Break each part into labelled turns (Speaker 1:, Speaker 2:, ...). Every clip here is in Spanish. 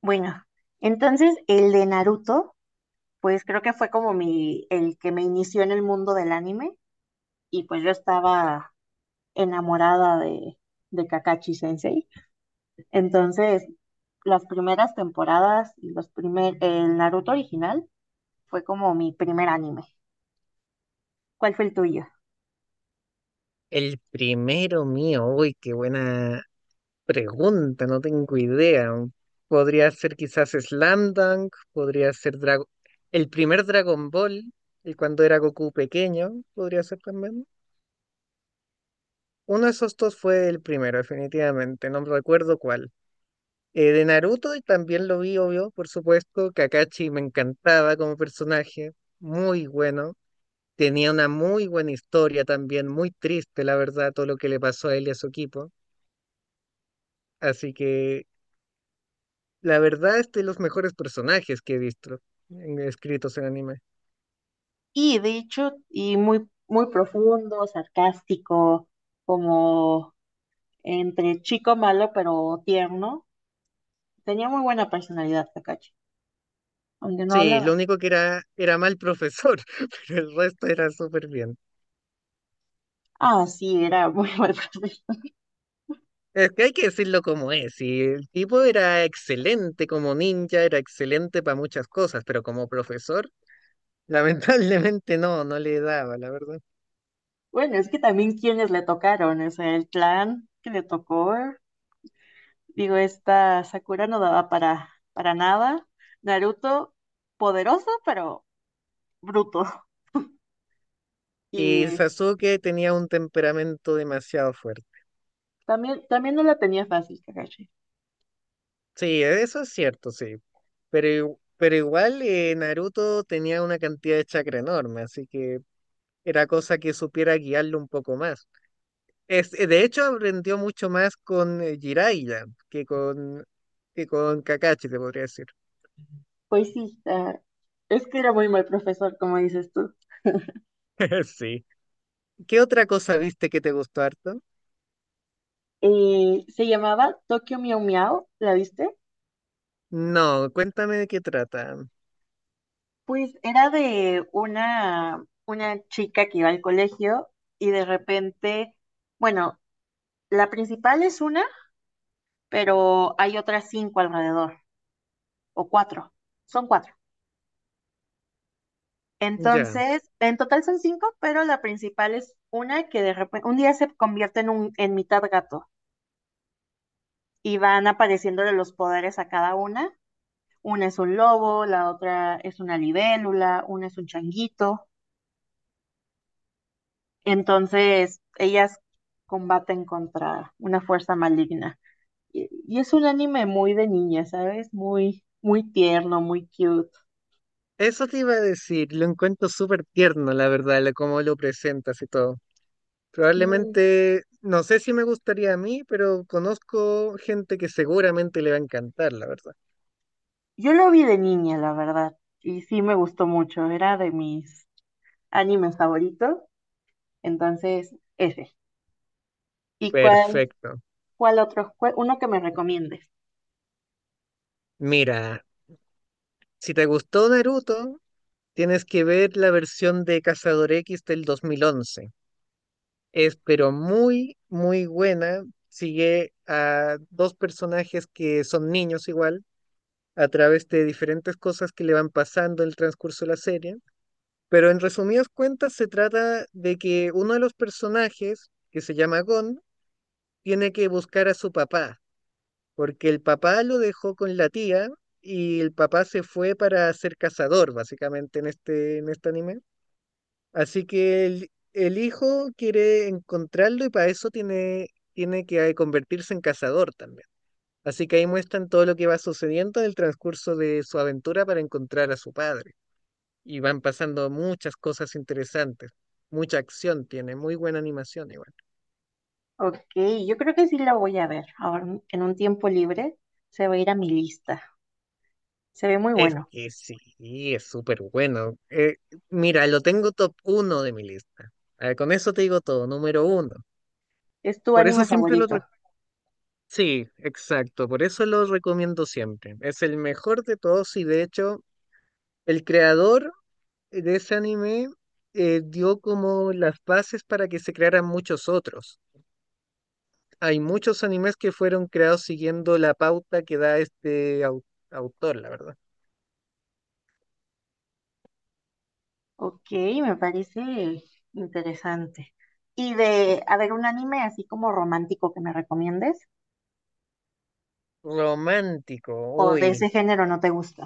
Speaker 1: Bueno, entonces el de Naruto, pues creo que fue el que me inició en el mundo del anime, y pues yo estaba enamorada de Kakashi Sensei. Entonces, las primeras temporadas y el Naruto original fue como mi primer anime. ¿Cuál fue el tuyo?
Speaker 2: El primero mío, uy, qué buena pregunta, no tengo idea. Podría ser quizás Slam Dunk, podría ser Dragon... El primer Dragon Ball, el cuando era Goku pequeño, podría ser también. Uno de esos dos fue el primero, definitivamente, no recuerdo cuál. De Naruto y también lo vi, obvio, por supuesto. Kakashi me encantaba como personaje, muy bueno. Tenía una muy buena historia también, muy triste, la verdad, todo lo que le pasó a él y a su equipo. Así que la verdad es de los mejores personajes que he visto escritos en anime.
Speaker 1: Y de hecho, muy, muy profundo, sarcástico, como entre chico malo pero tierno. Tenía muy buena personalidad Kakashi, aunque no
Speaker 2: Sí, lo
Speaker 1: hablaba.
Speaker 2: único que era mal profesor, pero el resto era súper bien.
Speaker 1: Ah, sí, era muy mal profe.
Speaker 2: Es que hay que decirlo como es, y el tipo era excelente como ninja, era excelente para muchas cosas, pero como profesor, lamentablemente no, no le daba, la verdad.
Speaker 1: Bueno, es que también quienes le tocaron, o sea, el clan que le tocó, digo, esta Sakura no daba para nada. Naruto, poderoso, pero bruto.
Speaker 2: Y
Speaker 1: Y
Speaker 2: Sasuke tenía un temperamento demasiado fuerte.
Speaker 1: también no la tenía fácil, Kakashi.
Speaker 2: Sí, eso es cierto, sí. Pero igual, Naruto tenía una cantidad de chakra enorme, así que era cosa que supiera guiarlo un poco más. De hecho, aprendió mucho más con Jiraiya que con Kakashi, te podría decir.
Speaker 1: Pues sí, es que era muy mal profesor, como dices tú.
Speaker 2: Sí. ¿Qué otra cosa viste que te gustó harto?
Speaker 1: Se llamaba Tokyo Miau Miau, ¿la viste?
Speaker 2: No, cuéntame de qué trata.
Speaker 1: Pues era de una chica que iba al colegio y de repente, bueno, la principal es una, pero hay otras cinco alrededor, o cuatro, son cuatro.
Speaker 2: Ya,
Speaker 1: Entonces, en total son cinco, pero la principal es una que de repente, un día se convierte en mitad gato y van apareciéndole los poderes a cada una. Una es un lobo, la otra es una libélula, una es un changuito. Entonces, ellas combaten contra una fuerza maligna. Y es un anime muy de niña, ¿sabes? Muy, muy tierno, muy cute.
Speaker 2: eso te iba a decir, lo encuentro súper tierno, la verdad, cómo lo presentas y todo.
Speaker 1: Sí,
Speaker 2: Probablemente, no sé si me gustaría a mí, pero conozco gente que seguramente le va a encantar, la verdad.
Speaker 1: yo lo vi de niña, la verdad, y sí me gustó mucho, era de mis animes favoritos, entonces ese. ¿Y cuál,
Speaker 2: Perfecto.
Speaker 1: cuál otro? Uno que me recomiendes.
Speaker 2: Mira, si te gustó Naruto, tienes que ver la versión de Cazador X del 2011. Es pero muy, muy buena. Sigue a dos personajes que son niños igual, a través de diferentes cosas que le van pasando en el transcurso de la serie. Pero en resumidas cuentas, se trata de que uno de los personajes, que se llama Gon, tiene que buscar a su papá, porque el papá lo dejó con la tía y el papá se fue para ser cazador, básicamente, en este anime. Así que el hijo quiere encontrarlo y para eso tiene que convertirse en cazador también. Así que ahí muestran todo lo que va sucediendo en el transcurso de su aventura para encontrar a su padre. Y van pasando muchas cosas interesantes. Mucha acción tiene, muy buena animación igual.
Speaker 1: Ok, yo creo que sí lo voy a ver. Ahora, en un tiempo libre, se va a ir a mi lista. Se ve muy
Speaker 2: Es
Speaker 1: bueno.
Speaker 2: que sí, es súper bueno. Mira, lo tengo top uno de mi lista. Ah, con eso te digo todo, número uno.
Speaker 1: ¿Es tu
Speaker 2: Por eso
Speaker 1: anime
Speaker 2: siempre lo... rec-
Speaker 1: favorito?
Speaker 2: Sí, exacto, por eso lo recomiendo siempre. Es el mejor de todos y de hecho el creador de ese anime dio como las bases para que se crearan muchos otros. Hay muchos animes que fueron creados siguiendo la pauta que da este autor, la verdad.
Speaker 1: Ok, me parece interesante. ¿Y a ver, un anime así como romántico que me recomiendes?
Speaker 2: Romántico,
Speaker 1: ¿O de
Speaker 2: uy.
Speaker 1: ese género no te gusta?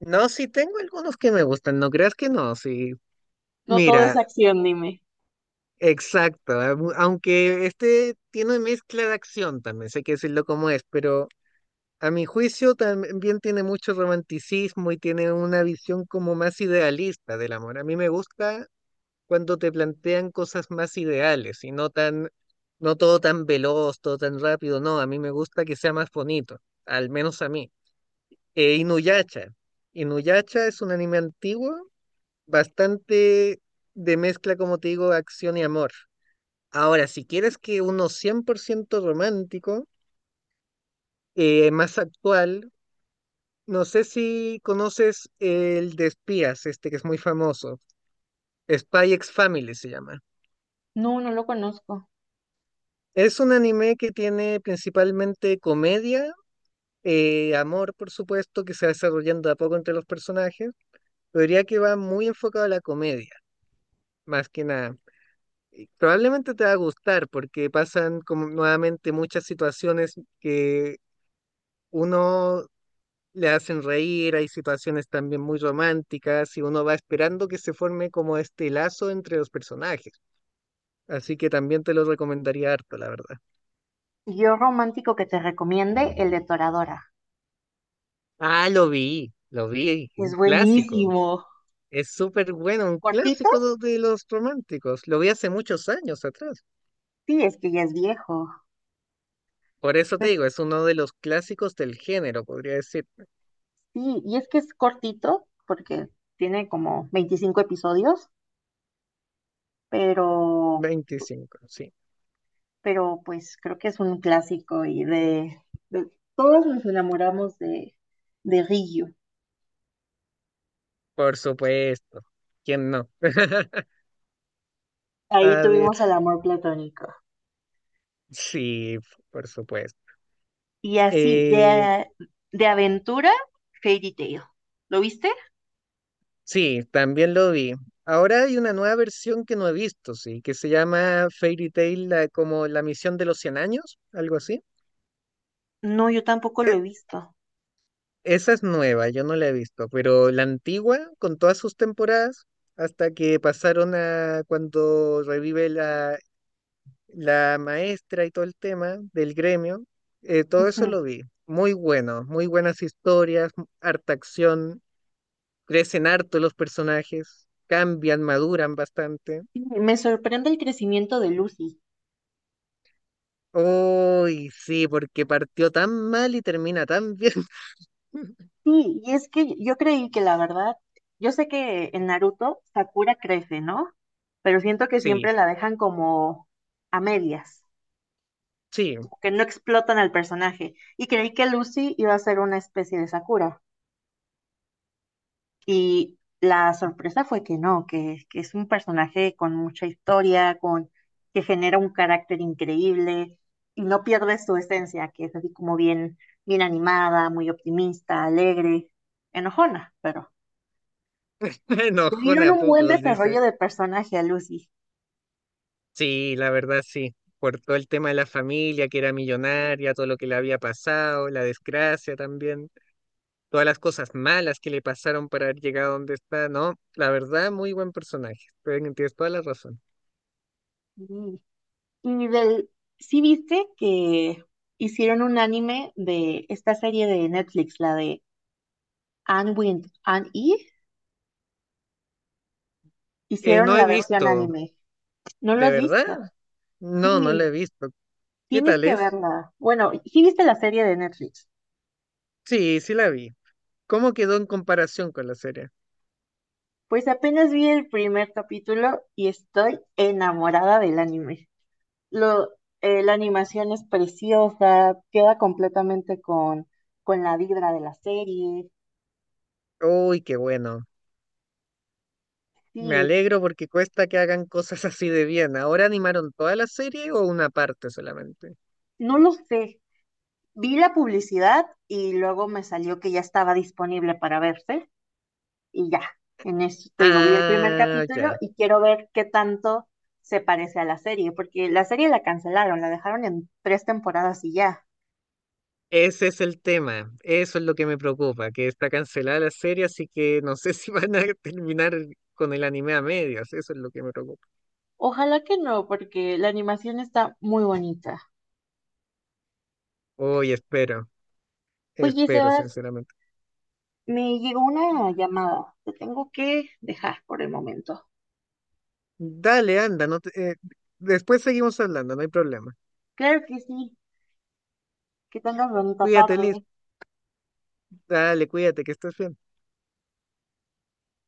Speaker 2: No, sí tengo algunos que me gustan, no creas que no, sí.
Speaker 1: No todo es
Speaker 2: Mira,
Speaker 1: acción, dime.
Speaker 2: exacto, aunque este tiene mezcla de acción también, sé que decirlo como es, pero a mi juicio también tiene mucho romanticismo y tiene una visión como más idealista del amor. A mí me gusta cuando te plantean cosas más ideales y no tan, no todo tan veloz, todo tan rápido, no, a mí me gusta que sea más bonito, al menos a mí. Inuyasha. Inuyasha es un anime antiguo bastante de mezcla, como te digo, acción y amor. Ahora, si quieres que uno 100% romántico, más actual, no sé si conoces el de espías, este que es muy famoso, Spy X Family se llama.
Speaker 1: No, no lo conozco.
Speaker 2: Es un anime que tiene principalmente comedia, amor, por supuesto, que se va desarrollando de a poco entre los personajes, pero diría que va muy enfocado a la comedia, más que nada. Y probablemente te va a gustar porque pasan como nuevamente muchas situaciones que uno le hacen reír, hay situaciones también muy románticas y uno va esperando que se forme como este lazo entre los personajes. Así que también te lo recomendaría harto, la verdad.
Speaker 1: Yo romántico que te recomiende, el de Toradora.
Speaker 2: Ah, lo vi, un
Speaker 1: Es
Speaker 2: clásico.
Speaker 1: buenísimo.
Speaker 2: Es súper bueno, un
Speaker 1: ¿Cortito?
Speaker 2: clásico de los románticos. Lo vi hace muchos años atrás.
Speaker 1: Sí, es que ya es viejo.
Speaker 2: Por eso te
Speaker 1: Pues
Speaker 2: digo, es uno de los clásicos del género, podría decir.
Speaker 1: sí, y es que es cortito porque tiene como 25 episodios, pero,
Speaker 2: 25 sí.
Speaker 1: pero pues creo que es un clásico y todos nos enamoramos de Ryu.
Speaker 2: Por supuesto. ¿Quién no?
Speaker 1: Ahí
Speaker 2: A ver,
Speaker 1: tuvimos el amor platónico.
Speaker 2: sí, por supuesto.
Speaker 1: Y así,
Speaker 2: Eh,
Speaker 1: de aventura, Fairy Tail. ¿Lo viste?
Speaker 2: sí, también lo vi. Ahora hay una nueva versión que no he visto, sí, que se llama Fairy Tail, como la misión de los 100 años, algo así.
Speaker 1: No, yo tampoco lo
Speaker 2: E-
Speaker 1: he visto.
Speaker 2: Esa es nueva, yo no la he visto, pero la antigua, con todas sus temporadas, hasta que pasaron a cuando revive la maestra y todo el tema del gremio, todo eso
Speaker 1: Ujú.
Speaker 2: lo vi. Muy bueno, muy buenas historias, harta acción, crecen harto los personajes, cambian, maduran bastante.
Speaker 1: Sí, me sorprende el crecimiento de Lucy.
Speaker 2: Uy, sí, porque partió tan mal y termina tan bien.
Speaker 1: Sí, y es que yo creí que la verdad, yo sé que en Naruto Sakura crece, ¿no? Pero siento que
Speaker 2: Sí,
Speaker 1: siempre la dejan como a medias,
Speaker 2: sí,
Speaker 1: como que no explotan al personaje. Y creí que Lucy iba a ser una especie de Sakura. Y la sorpresa fue que no, que es un personaje con mucha historia, que genera un carácter increíble y no pierde su esencia, que es así como bien, bien animada, muy optimista, alegre, enojona, pero le
Speaker 2: enojona
Speaker 1: dieron
Speaker 2: a
Speaker 1: un buen
Speaker 2: poco, dice.
Speaker 1: desarrollo de personaje a Lucy.
Speaker 2: Sí, la verdad sí, por todo el tema de la familia que era millonaria, todo lo que le había pasado, la desgracia también. Todas las cosas malas que le pasaron para haber llegado donde está, ¿no? La verdad, muy buen personaje, tienes toda la razón.
Speaker 1: Y, y sí viste que hicieron un anime de esta serie de Netflix, la de Anne Wind, Anne E, hicieron
Speaker 2: No he
Speaker 1: la versión
Speaker 2: visto,
Speaker 1: anime. ¿No lo
Speaker 2: ¿de
Speaker 1: has
Speaker 2: verdad?
Speaker 1: visto?
Speaker 2: No, no la he
Speaker 1: Sí.
Speaker 2: visto. ¿Qué
Speaker 1: Tienes
Speaker 2: tal
Speaker 1: que
Speaker 2: es?
Speaker 1: verla. Bueno, ¿sí viste la serie de Netflix?
Speaker 2: Sí, sí la vi. ¿Cómo quedó en comparación con la serie?
Speaker 1: Pues apenas vi el primer capítulo y estoy enamorada del anime. Lo, la animación es preciosa, queda completamente con la vibra de la serie.
Speaker 2: Uy, qué bueno. Me
Speaker 1: Sí,
Speaker 2: alegro porque cuesta que hagan cosas así de bien. ¿Ahora animaron toda la serie o una parte solamente?
Speaker 1: no lo sé. Vi la publicidad y luego me salió que ya estaba disponible para verse, y ya, en eso te digo, vi el primer
Speaker 2: Ah,
Speaker 1: capítulo
Speaker 2: ya.
Speaker 1: y quiero ver qué tanto se parece a la serie, porque la serie la cancelaron, la dejaron en tres temporadas y ya.
Speaker 2: Ese es el tema, eso es lo que me preocupa, que está cancelada la serie, así que no sé si van a terminar con el anime a medias, eso es lo que me preocupa.
Speaker 1: Ojalá que no, porque la animación está muy bonita.
Speaker 2: Hoy espero,
Speaker 1: Oye,
Speaker 2: espero
Speaker 1: Sebas,
Speaker 2: sinceramente.
Speaker 1: me llegó una llamada, te tengo que dejar por el momento.
Speaker 2: Dale, anda, no te- después seguimos hablando, no hay problema.
Speaker 1: Claro que sí, que tengas bonita
Speaker 2: Cuídate,
Speaker 1: tarde.
Speaker 2: Liz, dale, cuídate, que estés bien.